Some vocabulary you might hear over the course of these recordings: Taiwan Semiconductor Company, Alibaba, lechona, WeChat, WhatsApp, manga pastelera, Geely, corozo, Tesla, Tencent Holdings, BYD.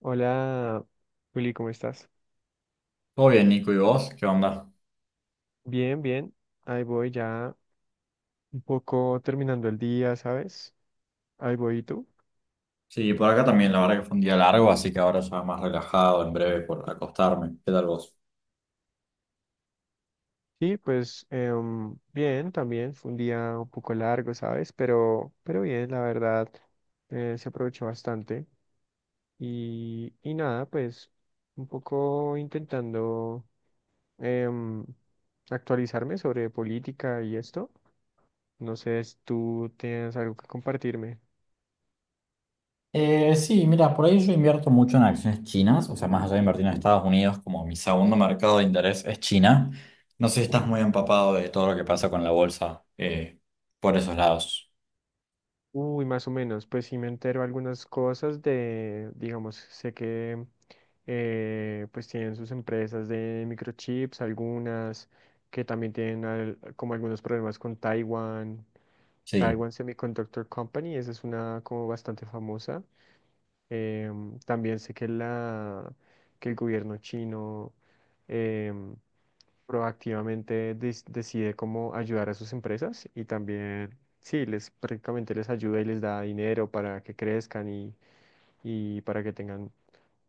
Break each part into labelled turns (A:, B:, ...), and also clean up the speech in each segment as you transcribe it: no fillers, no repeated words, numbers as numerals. A: Hola, Juli, ¿cómo estás?
B: Todo bien, Nico, ¿y vos? ¿Qué onda?
A: Bien, bien. Ahí voy ya un poco terminando el día, ¿sabes? Ahí voy, ¿y tú?
B: Sí, por acá también, la verdad que fue un día largo, así que ahora ya más relajado, en breve por acostarme. ¿Qué tal vos?
A: Sí, pues bien, también fue un día un poco largo, ¿sabes? Pero bien, la verdad, se aprovechó bastante. Y nada, pues un poco intentando em, actualizarme sobre política y esto. No sé si tú tienes algo que compartirme.
B: Sí, mira, por ahí yo invierto mucho en acciones chinas, o sea, más allá de invertir en Estados Unidos, como mi segundo mercado de interés es China. No sé si estás muy empapado de todo lo que pasa con la bolsa por esos lados.
A: Uy, más o menos, pues sí me entero algunas cosas de, digamos, sé que pues tienen sus empresas de microchips, algunas que también tienen como algunos problemas con Taiwan,
B: Sí.
A: Taiwan Semiconductor Company, esa es una como bastante famosa. También sé que, la, que el gobierno chino em, proactivamente decide cómo ayudar a sus empresas y también, sí, les prácticamente les ayuda y les da dinero para que crezcan y para que tengan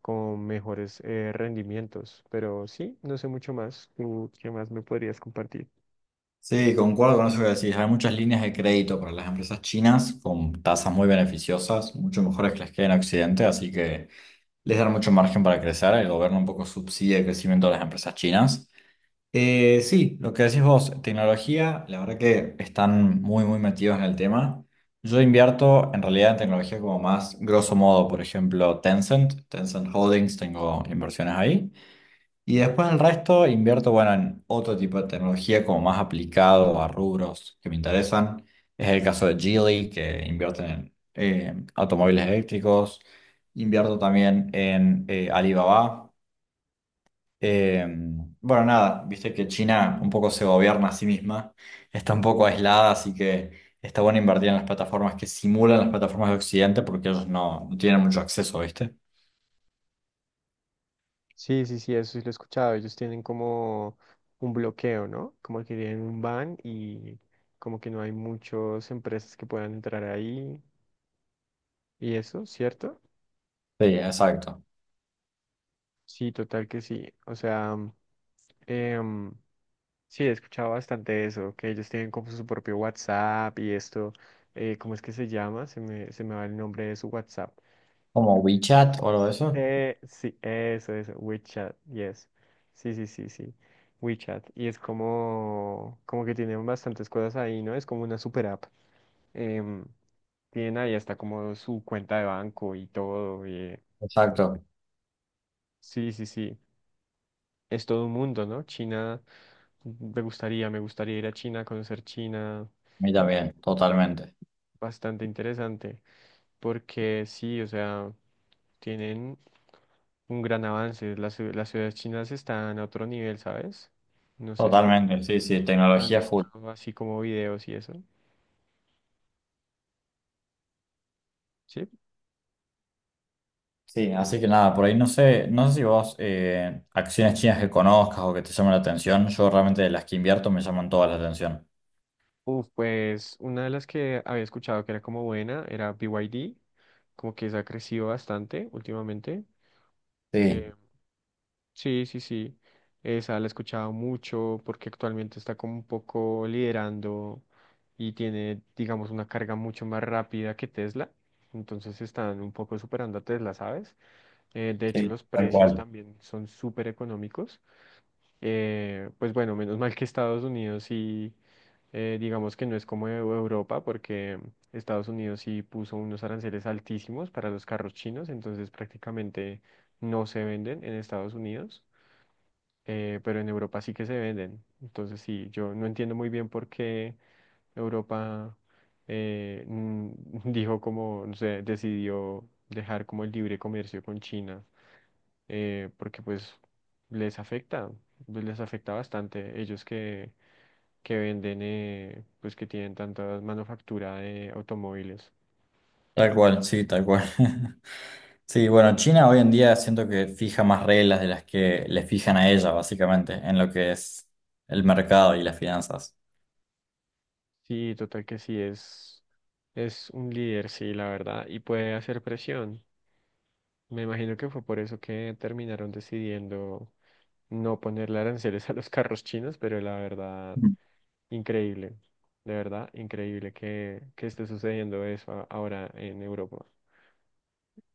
A: como mejores rendimientos. Pero sí, no sé mucho más. ¿Tú qué más me podrías compartir?
B: Sí, concuerdo con eso que decís. Hay muchas líneas de crédito para las empresas chinas con tasas muy beneficiosas, mucho mejores que las que hay en Occidente, así que les dan mucho margen para crecer, el gobierno un poco subsidia el crecimiento de las empresas chinas. Sí, lo que decís vos, tecnología, la verdad que están muy, muy metidos en el tema. Yo invierto en realidad en tecnología como más grosso modo, por ejemplo, Tencent, Tencent Holdings, tengo inversiones ahí. Y después el resto invierto, bueno, en otro tipo de tecnología como más aplicado a rubros que me interesan. Es el caso de Geely, que invierte en automóviles eléctricos. Invierto también en Alibaba. Eh, bueno, nada, viste que China un poco se gobierna a sí misma. Está un poco aislada, así que está bueno invertir en las plataformas que simulan las plataformas de Occidente porque ellos no, no tienen mucho acceso, ¿viste?
A: Sí, sí, sí, eso sí lo he escuchado. Ellos tienen como un bloqueo, ¿no? Como que tienen un ban y como que no hay muchas empresas que puedan entrar ahí y eso, ¿cierto?
B: Sí, exacto.
A: Sí, total que sí. O sea, em, sí, he escuchado bastante eso, que ellos tienen como su propio WhatsApp y esto, ¿cómo es que se llama? Se me va el nombre de su WhatsApp.
B: Como WeChat o algo de eso.
A: Sí, eso, WeChat, yes. Sí, sí, sí, sí. WeChat. Y es como, como que tienen bastantes cosas ahí, ¿no? Es como una super app. Em, tienen ahí hasta como su cuenta de banco y todo. Y,
B: Exacto.
A: sí, sí, sí. Es todo un mundo, ¿no? China, me gustaría ir a China, conocer China.
B: mí también, totalmente.
A: Bastante interesante, porque sí, o sea, tienen un gran avance. Las ciudades chinas están a otro nivel, ¿sabes? No sé si
B: Totalmente, sí, sí,
A: has
B: tecnología
A: visto
B: full.
A: así como videos y eso. Sí.
B: Sí, así que nada, por ahí no sé, no sé si vos acciones chinas que conozcas o que te llamen la atención. Yo realmente de las que invierto me llaman todas la atención.
A: Uf, pues una de las que había escuchado que era como buena era BYD, como que se ha crecido bastante últimamente.
B: Sí,
A: eh, Sí, sí, sí. Esa la he escuchado mucho porque actualmente está como un poco liderando y tiene, digamos, una carga mucho más rápida que Tesla. Entonces están un poco superando a Tesla, ¿sabes? De hecho,
B: sí,
A: los
B: tal
A: precios
B: cual.
A: también son súper económicos. Pues bueno, menos mal que Estados Unidos sí, digamos que no es como Europa, porque Estados Unidos sí puso unos aranceles altísimos para los carros chinos, entonces prácticamente no se venden en Estados Unidos pero en Europa sí que se venden. Entonces sí, yo no entiendo muy bien por qué Europa eh, mm, dijo como, no sé, decidió dejar como el libre comercio con China, porque les afecta, pues, les afecta bastante. Ellos que venden, pues que tienen tanta manufactura de automóviles.
B: Tal cual, sí, tal cual. Sí, bueno, China hoy en día siento que fija más reglas de las que le fijan a ella, básicamente, en lo que es el mercado y las finanzas.
A: Sí, total que sí, es un líder, sí, la verdad, y puede hacer presión. Me imagino que fue por eso que terminaron decidiendo no ponerle aranceles a los carros chinos, pero la verdad, increíble, de verdad, increíble que esté sucediendo eso ahora en Europa.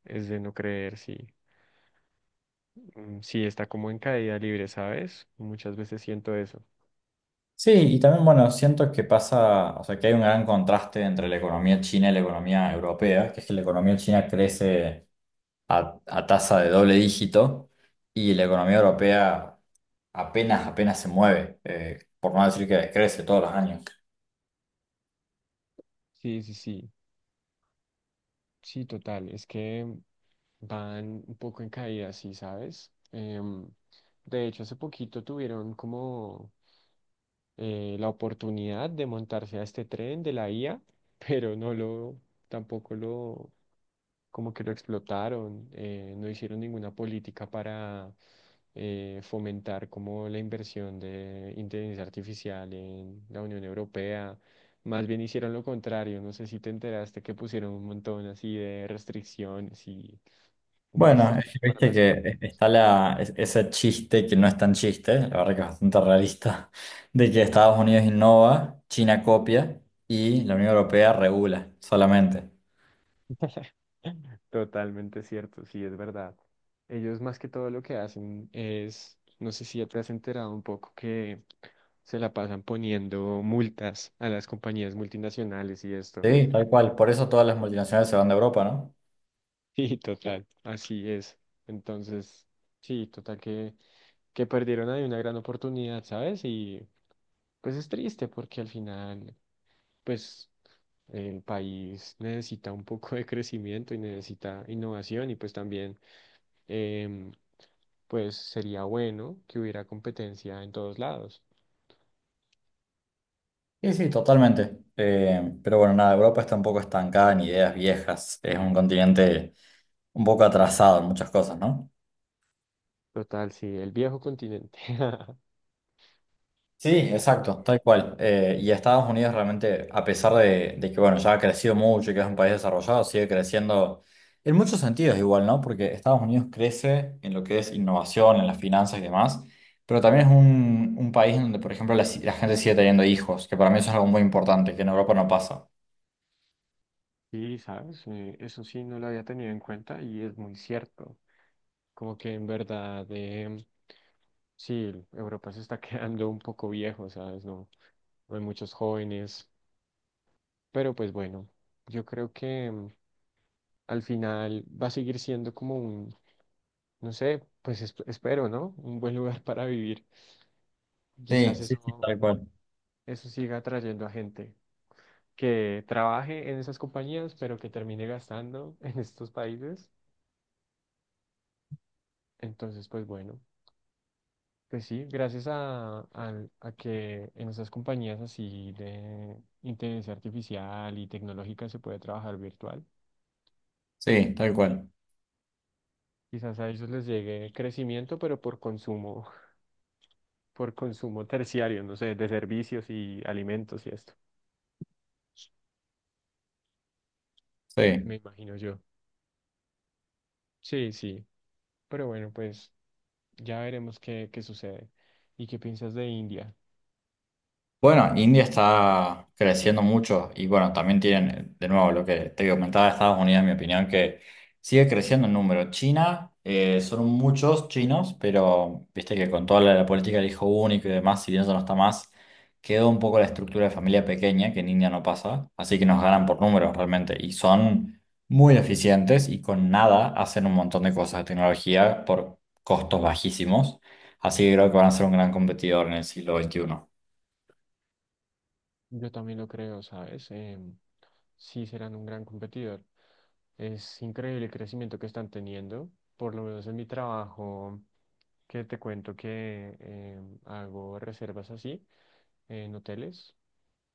A: Es de no creer, sí. Mm, sí, está como en caída libre, ¿sabes? Muchas veces siento eso.
B: Sí, y también, bueno, siento que pasa, o sea, que hay un gran contraste entre la economía china y la economía europea, que es que la economía china crece a tasa de doble dígito y la economía europea apenas, apenas se mueve, por no decir que decrece todos los años.
A: Sí, sí, sí, sí, total. Es que van un poco en caída, sí, ¿sabes? De hecho, hace poquito tuvieron como la oportunidad de montarse a este tren de la IA, pero no lo, tampoco lo, como que lo explotaron, no hicieron ninguna política para fomentar como la inversión de inteligencia artificial en la Unión Europea. Más bien hicieron lo contrario, no sé si te enteraste que pusieron un montón así de restricciones y como
B: Bueno, es
A: restricciones
B: que
A: para
B: viste
A: las...
B: que está la, ese chiste que no es tan chiste, la verdad que es bastante realista, de que Estados Unidos innova, China copia y la Unión Europea regula solamente.
A: Totalmente cierto, sí, es verdad. Ellos más que todo lo que hacen es, no sé si ya te has enterado un poco que se la pasan poniendo multas a las compañías multinacionales y esto.
B: Sí, tal cual. Por eso todas las multinacionales se van de Europa, ¿no?
A: Sí total, así es. Entonces, sí, total que perdieron ahí una gran oportunidad, ¿sabes? Y pues es triste porque al final, pues el país necesita un poco de crecimiento y necesita innovación y pues también... em, pues sería bueno que hubiera competencia en todos lados.
B: Sí, sí, totalmente. Pero bueno, nada, Europa está un poco estancada en ideas viejas. Es un continente un poco atrasado en muchas cosas, ¿no?
A: Total, sí, el viejo continente.
B: Sí,
A: Me
B: exacto,
A: quedo.
B: tal cual. Y Estados Unidos realmente, a pesar de que bueno, ya ha crecido mucho y que es un país desarrollado, sigue creciendo en muchos sentidos igual, ¿no? Porque Estados Unidos crece en lo que es innovación, en las finanzas y demás, pero también es un país en donde, por ejemplo, la, si- la gente sigue teniendo hijos, que para mí eso es algo muy importante, que en Europa no pasa.
A: Sí, sabes, eso sí no lo había tenido en cuenta y es muy cierto. Como que en verdad, sí, Europa se está quedando un poco viejo, ¿sabes? No, no hay muchos jóvenes, pero pues bueno, yo creo que al final va a seguir siendo como un, no sé, pues espero, ¿no? Un buen lugar para vivir.
B: Sí,
A: Quizás
B: sí, sí,
A: eso,
B: tal cual.
A: eso siga atrayendo a gente que trabaje en esas compañías, pero que termine gastando en estos países. Entonces, pues bueno, pues sí, gracias a, a que en esas compañías así de inteligencia artificial y tecnológica se puede trabajar virtual,
B: Sí, tal cual.
A: quizás a ellos les llegue crecimiento, pero por consumo, por consumo terciario, no sé, de servicios y alimentos y esto,
B: Sí.
A: me imagino yo. Sí, sí, pero bueno, pues ya veremos qué, qué sucede. ¿Y qué piensas de India?
B: Bueno, India está creciendo mucho y bueno, también tienen, de nuevo, lo que te comentaba Estados Unidos, en mi opinión, que sigue creciendo en número. China, son muchos chinos, pero viste que con toda la política del hijo único y demás, si bien eso no está más, quedó un poco la estructura de familia pequeña, que en India no pasa, así que nos ganan por números realmente y son muy eficientes y con nada hacen un montón de cosas de tecnología por costos bajísimos, así que creo que van a ser un gran competidor en el siglo XXI.
A: Yo también lo creo, ¿sabes? Sí serán un gran competidor. Es increíble el crecimiento que están teniendo, por lo menos en mi trabajo, que te cuento que hago reservas así en hoteles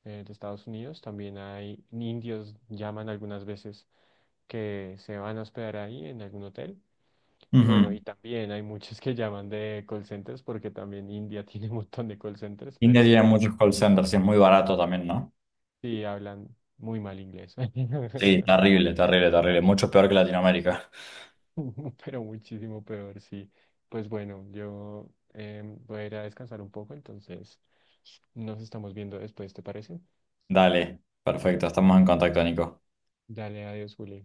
A: de Estados Unidos. También hay indios, llaman algunas veces, que se van a hospedar ahí en algún hotel. Y bueno,
B: Ujú.
A: y también hay muchos que llaman de call centers, porque también India tiene un montón de call centers,
B: India
A: pero
B: tiene
A: uff.
B: muchos call centers y es muy barato también, ¿no?
A: Sí, hablan muy mal inglés,
B: Sí, terrible, terrible, terrible. Mucho peor que Latinoamérica.
A: pero muchísimo peor, sí. Pues bueno, yo voy a ir a descansar un poco, entonces nos estamos viendo después, ¿te parece?
B: Dale, perfecto, estamos en contacto, Nico.
A: Dale, adiós, Juli.